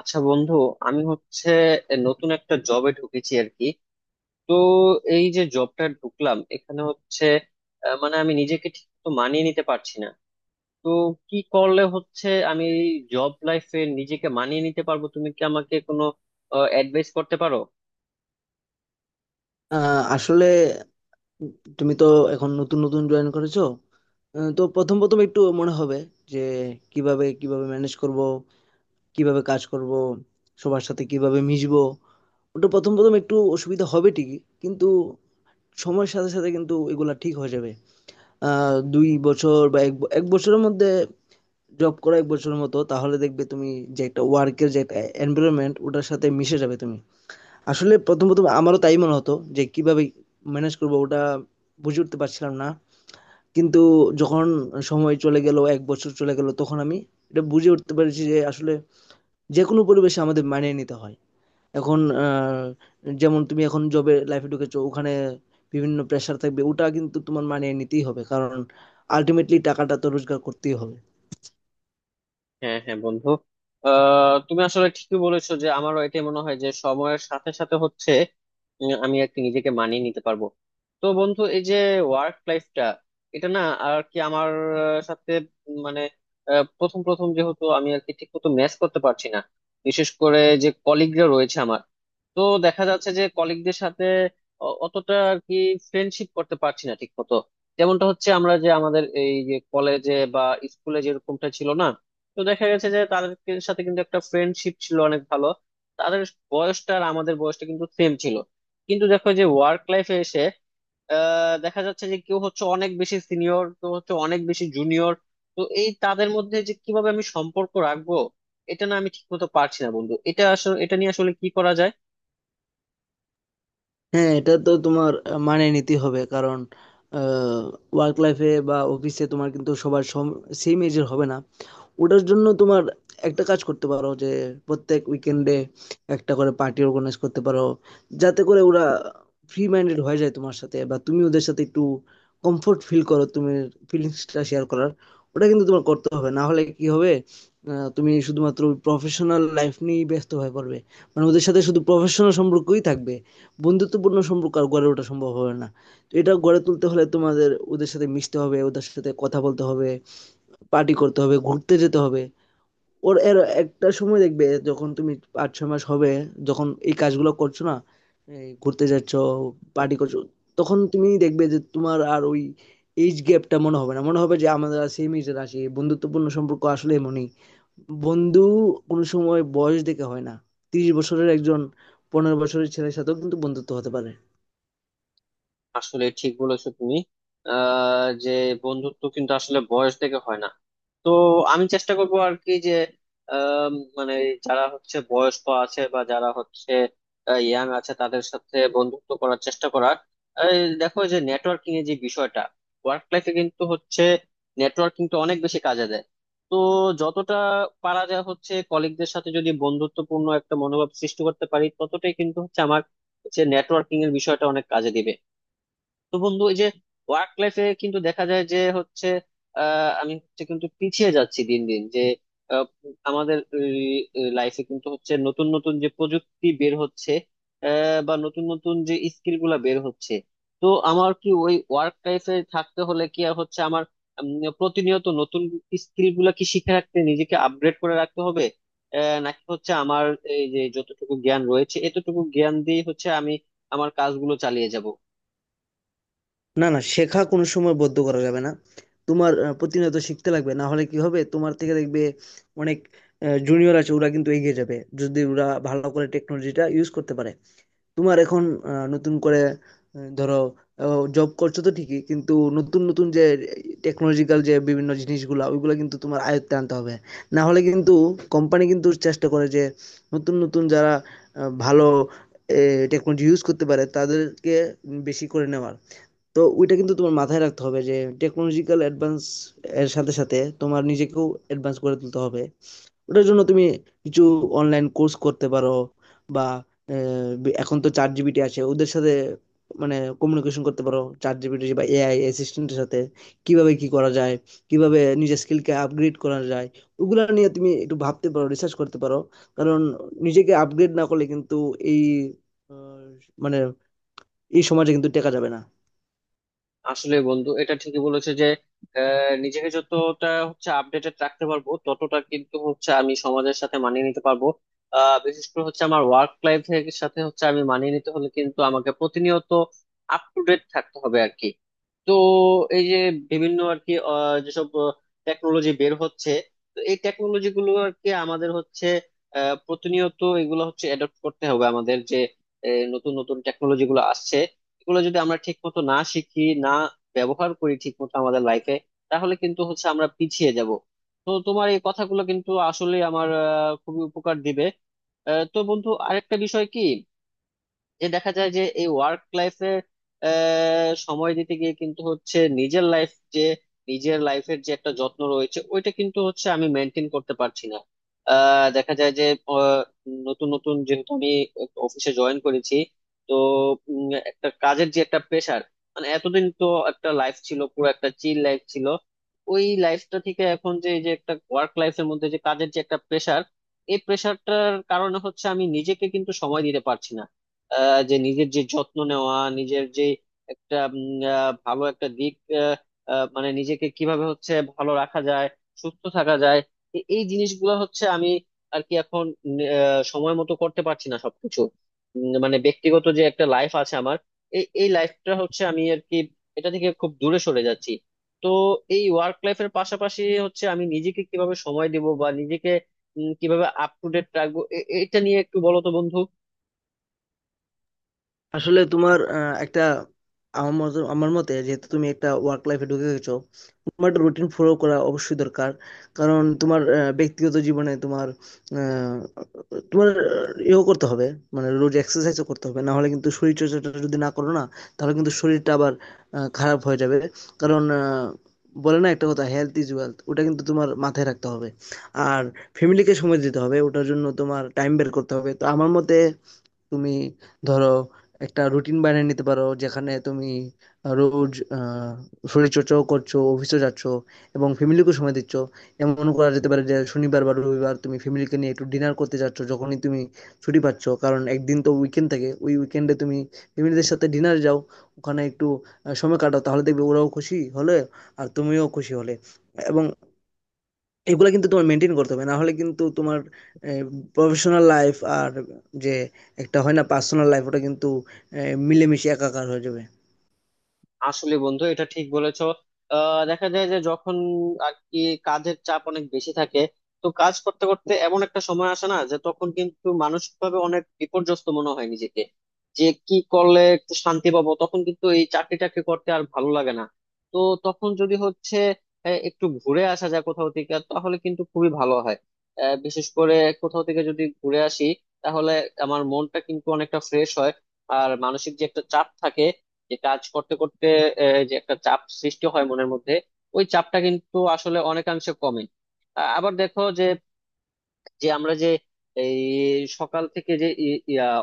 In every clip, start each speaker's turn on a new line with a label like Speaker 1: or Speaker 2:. Speaker 1: আচ্ছা বন্ধু, আমি হচ্ছে নতুন একটা জবে ঢুকেছি আর কি। তো এই যে জবটা ঢুকলাম এখানে হচ্ছে মানে আমি নিজেকে ঠিক তো মানিয়ে নিতে পারছি না। তো কি করলে হচ্ছে আমি জব লাইফে নিজেকে মানিয়ে নিতে পারবো? তুমি কি আমাকে কোনো অ্যাডভাইস করতে পারো?
Speaker 2: আসলে তুমি তো এখন নতুন নতুন জয়েন করেছো। তো প্রথম প্রথম একটু মনে হবে যে কিভাবে কিভাবে ম্যানেজ করব, কিভাবে কাজ করব, সবার সাথে কিভাবে মিশবো। ওটা প্রথম প্রথম একটু অসুবিধা হবে ঠিকই, কিন্তু সময়ের সাথে সাথে কিন্তু এগুলা ঠিক হয়ে যাবে। দুই বছর বা এক বছরের মধ্যে, জব করা এক বছরের মতো, তাহলে দেখবে তুমি যে একটা ওয়ার্কের যে একটা এনভায়রনমেন্ট ওটার সাথে মিশে যাবে তুমি। আসলে ১ম আমারও তাই মনে হতো যে কিভাবে ম্যানেজ করব, ওটা বুঝে উঠতে পারছিলাম না। কিন্তু যখন সময় চলে গেল, ১ বছর চলে গেল, তখন আমি এটা বুঝে উঠতে পেরেছি যে আসলে যেকোনো পরিবেশে আমাদের মানিয়ে নিতে হয়। এখন যেমন তুমি এখন জবে লাইফে ঢুকেছো, ওখানে বিভিন্ন প্রেশার থাকবে। ওটা কিন্তু তোমার মানিয়ে নিতেই হবে। কারণ আল্টিমেটলি টাকাটা তো রোজগার করতেই হবে।
Speaker 1: হ্যাঁ হ্যাঁ বন্ধু, আহ তুমি আসলে ঠিকই বলেছো যে আমারও এটাই মনে হয় যে সময়ের সাথে সাথে হচ্ছে আমি আর কি নিজেকে মানিয়ে নিতে পারবো। তো বন্ধু, এই যে ওয়ার্ক লাইফটা এটা না আর কি আমার সাথে মানে প্রথম প্রথম যেহেতু আমি আর কি ঠিক মতো ম্যাচ করতে পারছি না, বিশেষ করে যে কলিগরা রয়েছে আমার। তো দেখা যাচ্ছে যে কলিগদের সাথে অতটা আর কি ফ্রেন্ডশিপ করতে পারছি না ঠিক মতো, যেমনটা হচ্ছে আমরা যে আমাদের এই যে কলেজে বা স্কুলে যেরকমটা ছিল না। তো দেখা গেছে যে তাদের সাথে কিন্তু একটা ফ্রেন্ডশিপ ছিল অনেক ভালো। তাদের বয়সটা আর আমাদের বয়সটা কিন্তু সেম ছিল, কিন্তু দেখো যে ওয়ার্ক লাইফে এসে দেখা যাচ্ছে যে কেউ হচ্ছে অনেক বেশি সিনিয়র, কেউ হচ্ছে অনেক বেশি জুনিয়র। তো এই তাদের মধ্যে যে কিভাবে আমি সম্পর্ক রাখবো এটা না আমি ঠিক মতো পারছি না বন্ধু। এটা আসলে এটা নিয়ে আসলে কি করা যায়?
Speaker 2: হ্যাঁ, এটা তো তোমার মানিয়ে নিতেই হবে। কারণ আ ওয়ার্ক লাইফ এ বা অফিসে তোমার কিন্তু সবার সেম এজ এর হবে না। ওটার জন্য তোমার একটা কাজ করতে পারো যে প্রত্যেক উইকেন্ডে একটা করে পার্টি অর্গানাইজ করতে পারো, যাতে করে ওরা ফ্রি মাইন্ডেড হয়ে যায় তোমার সাথে, বা তুমি ওদের সাথে একটু কমফোর্ট ফিল করো, তুমি ফিলিংসটা শেয়ার করার। ওটা কিন্তু তোমার করতে হবে, না হলে কি হবে, তুমি শুধুমাত্র প্রফেশনাল লাইফ নিয়েই ব্যস্ত হয়ে পড়বে। মানে ওদের সাথে শুধু প্রফেশনাল সম্পর্কই থাকবে, বন্ধুত্বপূর্ণ সম্পর্ক আর গড়ে ওঠা সম্ভব হবে না। তো এটা গড়ে তুলতে হলে তোমাদের ওদের সাথে মিশতে হবে, ওদের সাথে কথা বলতে হবে, পার্টি করতে হবে, ঘুরতে যেতে হবে। ওর এর একটা সময় দেখবে, যখন তুমি পাঁচ ছয় মাস হবে, যখন এই কাজগুলো করছো, না এই ঘুরতে যাচ্ছ, পার্টি করছো, তখন তুমি দেখবে যে তোমার আর ওই এইজ গ্যাপটা মনে হবে না, মনে হবে যে আমাদের সেম এজের আছি। বন্ধুত্বপূর্ণ সম্পর্ক আসলে এমনই বন্ধু, কোনো সময় বয়স দেখে হয় না। তিরিশ বছরের একজন পনেরো বছরের ছেলের সাথেও কিন্তু বন্ধুত্ব হতে পারে।
Speaker 1: আসলে ঠিক বলেছো তুমি। আহ যে বন্ধুত্ব কিন্তু আসলে বয়স থেকে হয় না। তো আমি চেষ্টা করবো আর কি যে আম, মানে যারা হচ্ছে বয়স্ক আছে বা যারা হচ্ছে ইয়াং আছে তাদের সাথে বন্ধুত্ব করার চেষ্টা করার। এই দেখো যে নেটওয়ার্কিং এর যে বিষয়টা, ওয়ার্ক লাইফে কিন্তু হচ্ছে নেটওয়ার্কিং তো অনেক বেশি কাজে দেয়। তো যতটা পারা যায় হচ্ছে কলিগদের সাথে যদি বন্ধুত্বপূর্ণ একটা মনোভাব সৃষ্টি করতে পারি ততটাই কিন্তু হচ্ছে আমার হচ্ছে নেটওয়ার্কিং এর বিষয়টা অনেক কাজে দিবে। তো বন্ধু এই যে ওয়ার্ক লাইফে কিন্তু দেখা যায় যে হচ্ছে আমি হচ্ছে কিন্তু পিছিয়ে যাচ্ছি দিন দিন যে আহ, আমাদের লাইফে কিন্তু হচ্ছে নতুন নতুন যে প্রযুক্তি বের হচ্ছে, বা নতুন নতুন যে স্কিল গুলা বের হচ্ছে। তো আমার কি ওই ওয়ার্ক লাইফে থাকতে হলে কি আর হচ্ছে আমার উম, প্রতিনিয়ত নতুন স্কিল গুলা কি শিখে রাখতে নিজেকে আপগ্রেড করে রাখতে হবে, নাকি হচ্ছে আমার এই যে যতটুকু জ্ঞান রয়েছে এতটুকু জ্ঞান দিয়ে হচ্ছে আমি আমার কাজগুলো চালিয়ে যাব?
Speaker 2: না না, শেখা কোনো সময় বদ্ধ করা যাবে না। তোমার প্রতিনিয়ত শিখতে লাগবে, না হলে কি হবে, তোমার থেকে দেখবে অনেক জুনিয়র আছে, ওরা কিন্তু এগিয়ে যাবে যদি ওরা ভালো করে টেকনোলজিটা ইউজ করতে পারে। তোমার এখন নতুন করে ধরো, জব করছো তো ঠিকই, কিন্তু নতুন নতুন যে টেকনোলজিক্যাল যে বিভিন্ন জিনিসগুলা ওইগুলো কিন্তু তোমার আয়ত্তে আনতে হবে। না হলে কিন্তু কোম্পানি কিন্তু চেষ্টা করে যে নতুন নতুন যারা ভালো টেকনোলজি ইউজ করতে পারে তাদেরকে বেশি করে নেওয়ার। তো ওইটা কিন্তু তোমার মাথায় রাখতে হবে যে টেকনোলজিক্যাল অ্যাডভান্স এর সাথে সাথে তোমার নিজেকেও অ্যাডভান্স করে তুলতে হবে। ওটার জন্য তুমি কিছু অনলাইন কোর্স করতে পারো, বা এখন তো চ্যাট জিপিটি আছে, ওদের সাথে মানে কমিউনিকেশন করতে পারো, চ্যাট জিপিটি বা এআই অ্যাসিস্ট্যান্টের সাথে, কিভাবে কি করা যায়, কিভাবে নিজের স্কিলকে আপগ্রেড করা যায়, ওগুলো নিয়ে তুমি একটু ভাবতে পারো, রিসার্চ করতে পারো। কারণ নিজেকে আপগ্রেড না করলে কিন্তু এই আহ, মানে এই সমাজে কিন্তু টেকা যাবে না।
Speaker 1: আসলে বন্ধু এটা ঠিকই বলেছে যে নিজেকে যতটা হচ্ছে আপডেটেড রাখতে পারবো ততটা কিন্তু হচ্ছে আমি সমাজের সাথে মানিয়ে নিতে পারবো। বিশেষ করে হচ্ছে আমার ওয়ার্ক লাইফের সাথে হচ্ছে আমি মানিয়ে নিতে হলে কিন্তু আমাকে প্রতিনিয়ত আপ টু ডেট থাকতে হবে আর কি। তো এই যে বিভিন্ন আর কি যেসব টেকনোলজি বের হচ্ছে, তো এই টেকনোলজি গুলো আর কি আমাদের হচ্ছে প্রতিনিয়ত এগুলো হচ্ছে অ্যাডপ্ট করতে হবে আমাদের যে নতুন নতুন টেকনোলজি গুলো আসছে, এগুলো যদি আমরা ঠিক মতো না শিখি না ব্যবহার করি ঠিক মতো আমাদের লাইফে, তাহলে কিন্তু হচ্ছে আমরা পিছিয়ে যাব। তো তোমার এই কথাগুলো কিন্তু আসলে আমার খুবই উপকার দিবে। তো বন্ধু আরেকটা বিষয় কি, যে দেখা যায় যে এই ওয়ার্ক লাইফে সময় দিতে গিয়ে কিন্তু হচ্ছে নিজের লাইফ যে নিজের লাইফের যে একটা যত্ন রয়েছে ওইটা কিন্তু হচ্ছে আমি মেনটেন করতে পারছি না। দেখা যায় যে আহ, নতুন নতুন যেহেতু আমি অফিসে জয়েন করেছি, তো উম, একটা কাজের যে একটা প্রেশার, মানে এতদিন তো একটা লাইফ ছিল, পুরো একটা চিল লাইফ ছিল। ওই লাইফটা থেকে এখন যে এই যে একটা ওয়ার্ক লাইফের মধ্যে যে কাজের যে একটা প্রেশার, এই প্রেশারটার কারণে হচ্ছে আমি নিজেকে কিন্তু সময় দিতে পারছি না। যে নিজের যে যত্ন নেওয়া, নিজের যে একটা ভালো একটা দিক, আহ, আহ, মানে নিজেকে কিভাবে হচ্ছে ভালো রাখা যায়, সুস্থ থাকা যায়, এই জিনিসগুলো হচ্ছে আমি আর কি এখন সময় মতো করতে পারছি না সবকিছু। মানে ব্যক্তিগত যে একটা লাইফ আছে আমার, এই এই লাইফটা হচ্ছে আমি আর কি এটা থেকে খুব দূরে সরে যাচ্ছি। তো এই ওয়ার্ক লাইফের পাশাপাশি হচ্ছে আমি নিজেকে কিভাবে সময় দেব বা নিজেকে কিভাবে আপ টু ডেট রাখবো, এটা নিয়ে একটু বলো তো বন্ধু।
Speaker 2: আসলে তোমার একটা, আমার মতে, যেহেতু তুমি একটা ওয়ার্ক লাইফে ঢুকে গেছো, তোমার একটা রুটিন ফলো করা অবশ্যই দরকার। কারণ তোমার ব্যক্তিগত জীবনে তোমার আহ, তোমার ইয়েও করতে হবে, মানে রোজ এক্সারসাইজও করতে হবে, না হলে কিন্তু শরীর চর্চাটা যদি না করো না, তাহলে কিন্তু শরীরটা আবার খারাপ হয়ে যাবে। কারণ বলে না একটা কথা, হেলথ ইজ ওয়েলথ, ওটা কিন্তু তোমার মাথায় রাখতে হবে। আর ফ্যামিলিকে সময় দিতে হবে, ওটার জন্য তোমার টাইম বের করতে হবে। তো আমার মতে তুমি ধরো একটা রুটিন বানিয়ে নিতে পারো, যেখানে তুমি রোজ শরীরচর্চাও করছো, অফিসে যাচ্ছ এবং ফ্যামিলিকেও সময় দিচ্ছ। এমন করা যেতে পারে যে শনিবার বা রবিবার তুমি ফ্যামিলিকে নিয়ে একটু ডিনার করতে যাচ্ছ, যখনই তুমি ছুটি পাচ্ছ, কারণ একদিন তো উইকেন্ড থাকে, ওই উইকেন্ডে তুমি ফ্যামিলিদের সাথে ডিনার যাও, ওখানে একটু সময় কাটাও, তাহলে দেখবে ওরাও খুশি হলে আর তুমিও খুশি হলে। এবং এগুলা কিন্তু তোমার মেনটেন করতে হবে, না হলে কিন্তু তোমার প্রফেশনাল লাইফ আর যে একটা হয় না পার্সোনাল লাইফ ওটা কিন্তু মিলেমিশে একাকার হয়ে যাবে।
Speaker 1: আসলে বন্ধু এটা ঠিক বলেছো। আহ দেখা যায় যে যখন আর কি কাজের চাপ অনেক বেশি থাকে, তো কাজ করতে করতে এমন একটা সময় আসে না যে তখন কিন্তু মানসিক ভাবে অনেক বিপর্যস্ত মনে হয় নিজেকে, যে কি করলে একটু শান্তি পাবো, তখন কিন্তু এই চাকরি টাকরি করতে আর ভালো লাগে না। তো তখন যদি হচ্ছে একটু ঘুরে আসা যায় কোথাও থেকে তাহলে কিন্তু খুবই ভালো হয়। বিশেষ করে কোথাও থেকে যদি ঘুরে আসি তাহলে আমার মনটা কিন্তু অনেকটা ফ্রেশ হয়। আর মানসিক যে একটা চাপ থাকে যে কাজ করতে করতে যে একটা চাপ সৃষ্টি হয় মনের মধ্যে, ওই চাপটা কিন্তু আসলে অনেকাংশে কমে। আবার দেখো যে যে আমরা যে এই সকাল থেকে যে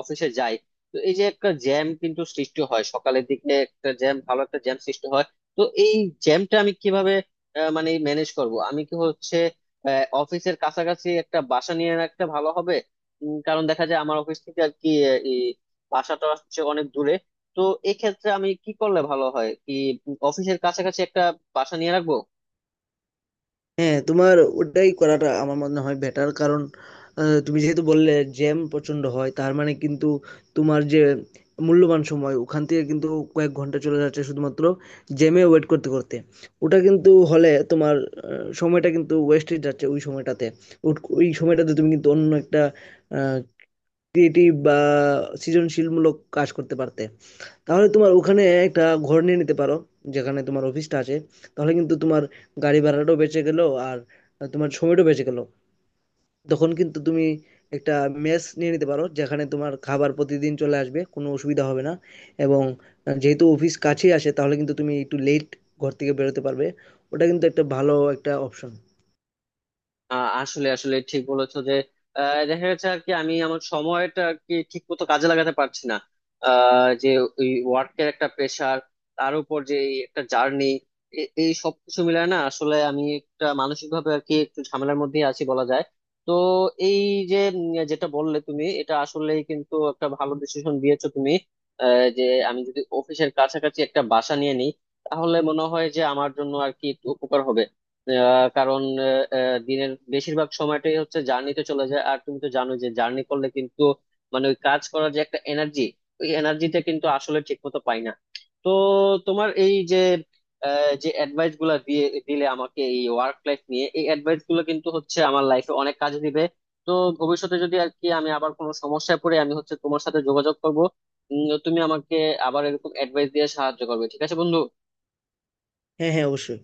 Speaker 1: অফিসে যাই, তো এই যে একটা জ্যাম কিন্তু সৃষ্টি হয় সকালের দিকে, একটা জ্যাম ভালো একটা জ্যাম সৃষ্টি হয়। তো এই জ্যামটা আমি কিভাবে মানে ম্যানেজ করব? আমি কি হচ্ছে অফিসের কাছাকাছি একটা বাসা নিয়ে রাখতে ভালো হবে? কারণ দেখা যায় আমার অফিস থেকে আর কি এই বাসাটা হচ্ছে অনেক দূরে। তো এক্ষেত্রে আমি কি করলে ভালো হয়? কি অফিসের কাছাকাছি একটা বাসা নিয়ে রাখবো?
Speaker 2: হ্যাঁ, তোমার ওটাই করাটা আমার মনে হয় বেটার। কারণ তুমি যেহেতু বললে জ্যাম প্রচন্ড হয়, তার মানে কিন্তু তোমার যে মূল্যবান সময় ওখান থেকে কিন্তু কয়েক ঘন্টা চলে যাচ্ছে শুধুমাত্র জ্যামে ওয়েট করতে করতে। ওটা কিন্তু হলে তোমার সময়টা কিন্তু ওয়েস্টেজ যাচ্ছে ওই সময়টাতে। ওই সময়টাতে তুমি কিন্তু অন্য একটা ক্রিয়েটিভ বা সৃজনশীলমূলক কাজ করতে পারতে। তাহলে তোমার ওখানে একটা ঘর নিয়ে নিতে পারো, যেখানে তোমার অফিসটা আছে। তাহলে কিন্তু তোমার গাড়ি ভাড়াটাও বেঁচে গেল আর তোমার সময়টাও বেঁচে গেল। তখন কিন্তু তুমি একটা মেস নিয়ে নিতে পারো, যেখানে তোমার খাবার প্রতিদিন চলে আসবে, কোনো অসুবিধা হবে না। এবং যেহেতু অফিস কাছেই আসে, তাহলে কিন্তু তুমি একটু লেট ঘর থেকে বেরোতে পারবে। ওটা কিন্তু একটা ভালো একটা অপশন।
Speaker 1: আহ আসলে আসলে ঠিক বলেছো যে দেখা গেছে আর কি আমি আমার সময়টা আর কি ঠিক মতো কাজে লাগাতে পারছি না। যে ওই ওয়ার্কের একটা প্রেশার, তার উপর যে এই একটা জার্নি, এই সবকিছু মিলায় না আসলে আমি একটা মানসিক ভাবে আর কি একটু ঝামেলার মধ্যেই আছি বলা যায়। তো এই যে যেটা বললে তুমি এটা আসলেই কিন্তু একটা ভালো ডিসিশন দিয়েছো তুমি। আহ, যে আমি যদি অফিসের কাছাকাছি একটা বাসা নিয়ে নিই তাহলে মনে হয় যে আমার জন্য আর কি একটু উপকার হবে। কারণ দিনের বেশিরভাগ সময়টাই হচ্ছে জার্নিতে চলে যায়, আর তুমি তো জানো যে জার্নি করলে কিন্তু মানে ওই কাজ করার যে একটা এনার্জি, ওই এনার্জিটা কিন্তু আসলে ঠিক মতো পাই না। তো তোমার এই যে যে অ্যাডভাইস গুলা দিয়ে দিলে আমাকে এই ওয়ার্ক লাইফ নিয়ে, এই অ্যাডভাইস গুলো কিন্তু হচ্ছে আমার লাইফে অনেক কাজে দিবে। তো ভবিষ্যতে যদি আর কি আমি আবার কোনো সমস্যায় পড়ে আমি হচ্ছে তোমার সাথে যোগাযোগ করবো। তুমি আমাকে আবার এরকম অ্যাডভাইস দিয়ে সাহায্য করবে, ঠিক আছে বন্ধু?
Speaker 2: হ্যাঁ, হ্যাঁ, অবশ্যই।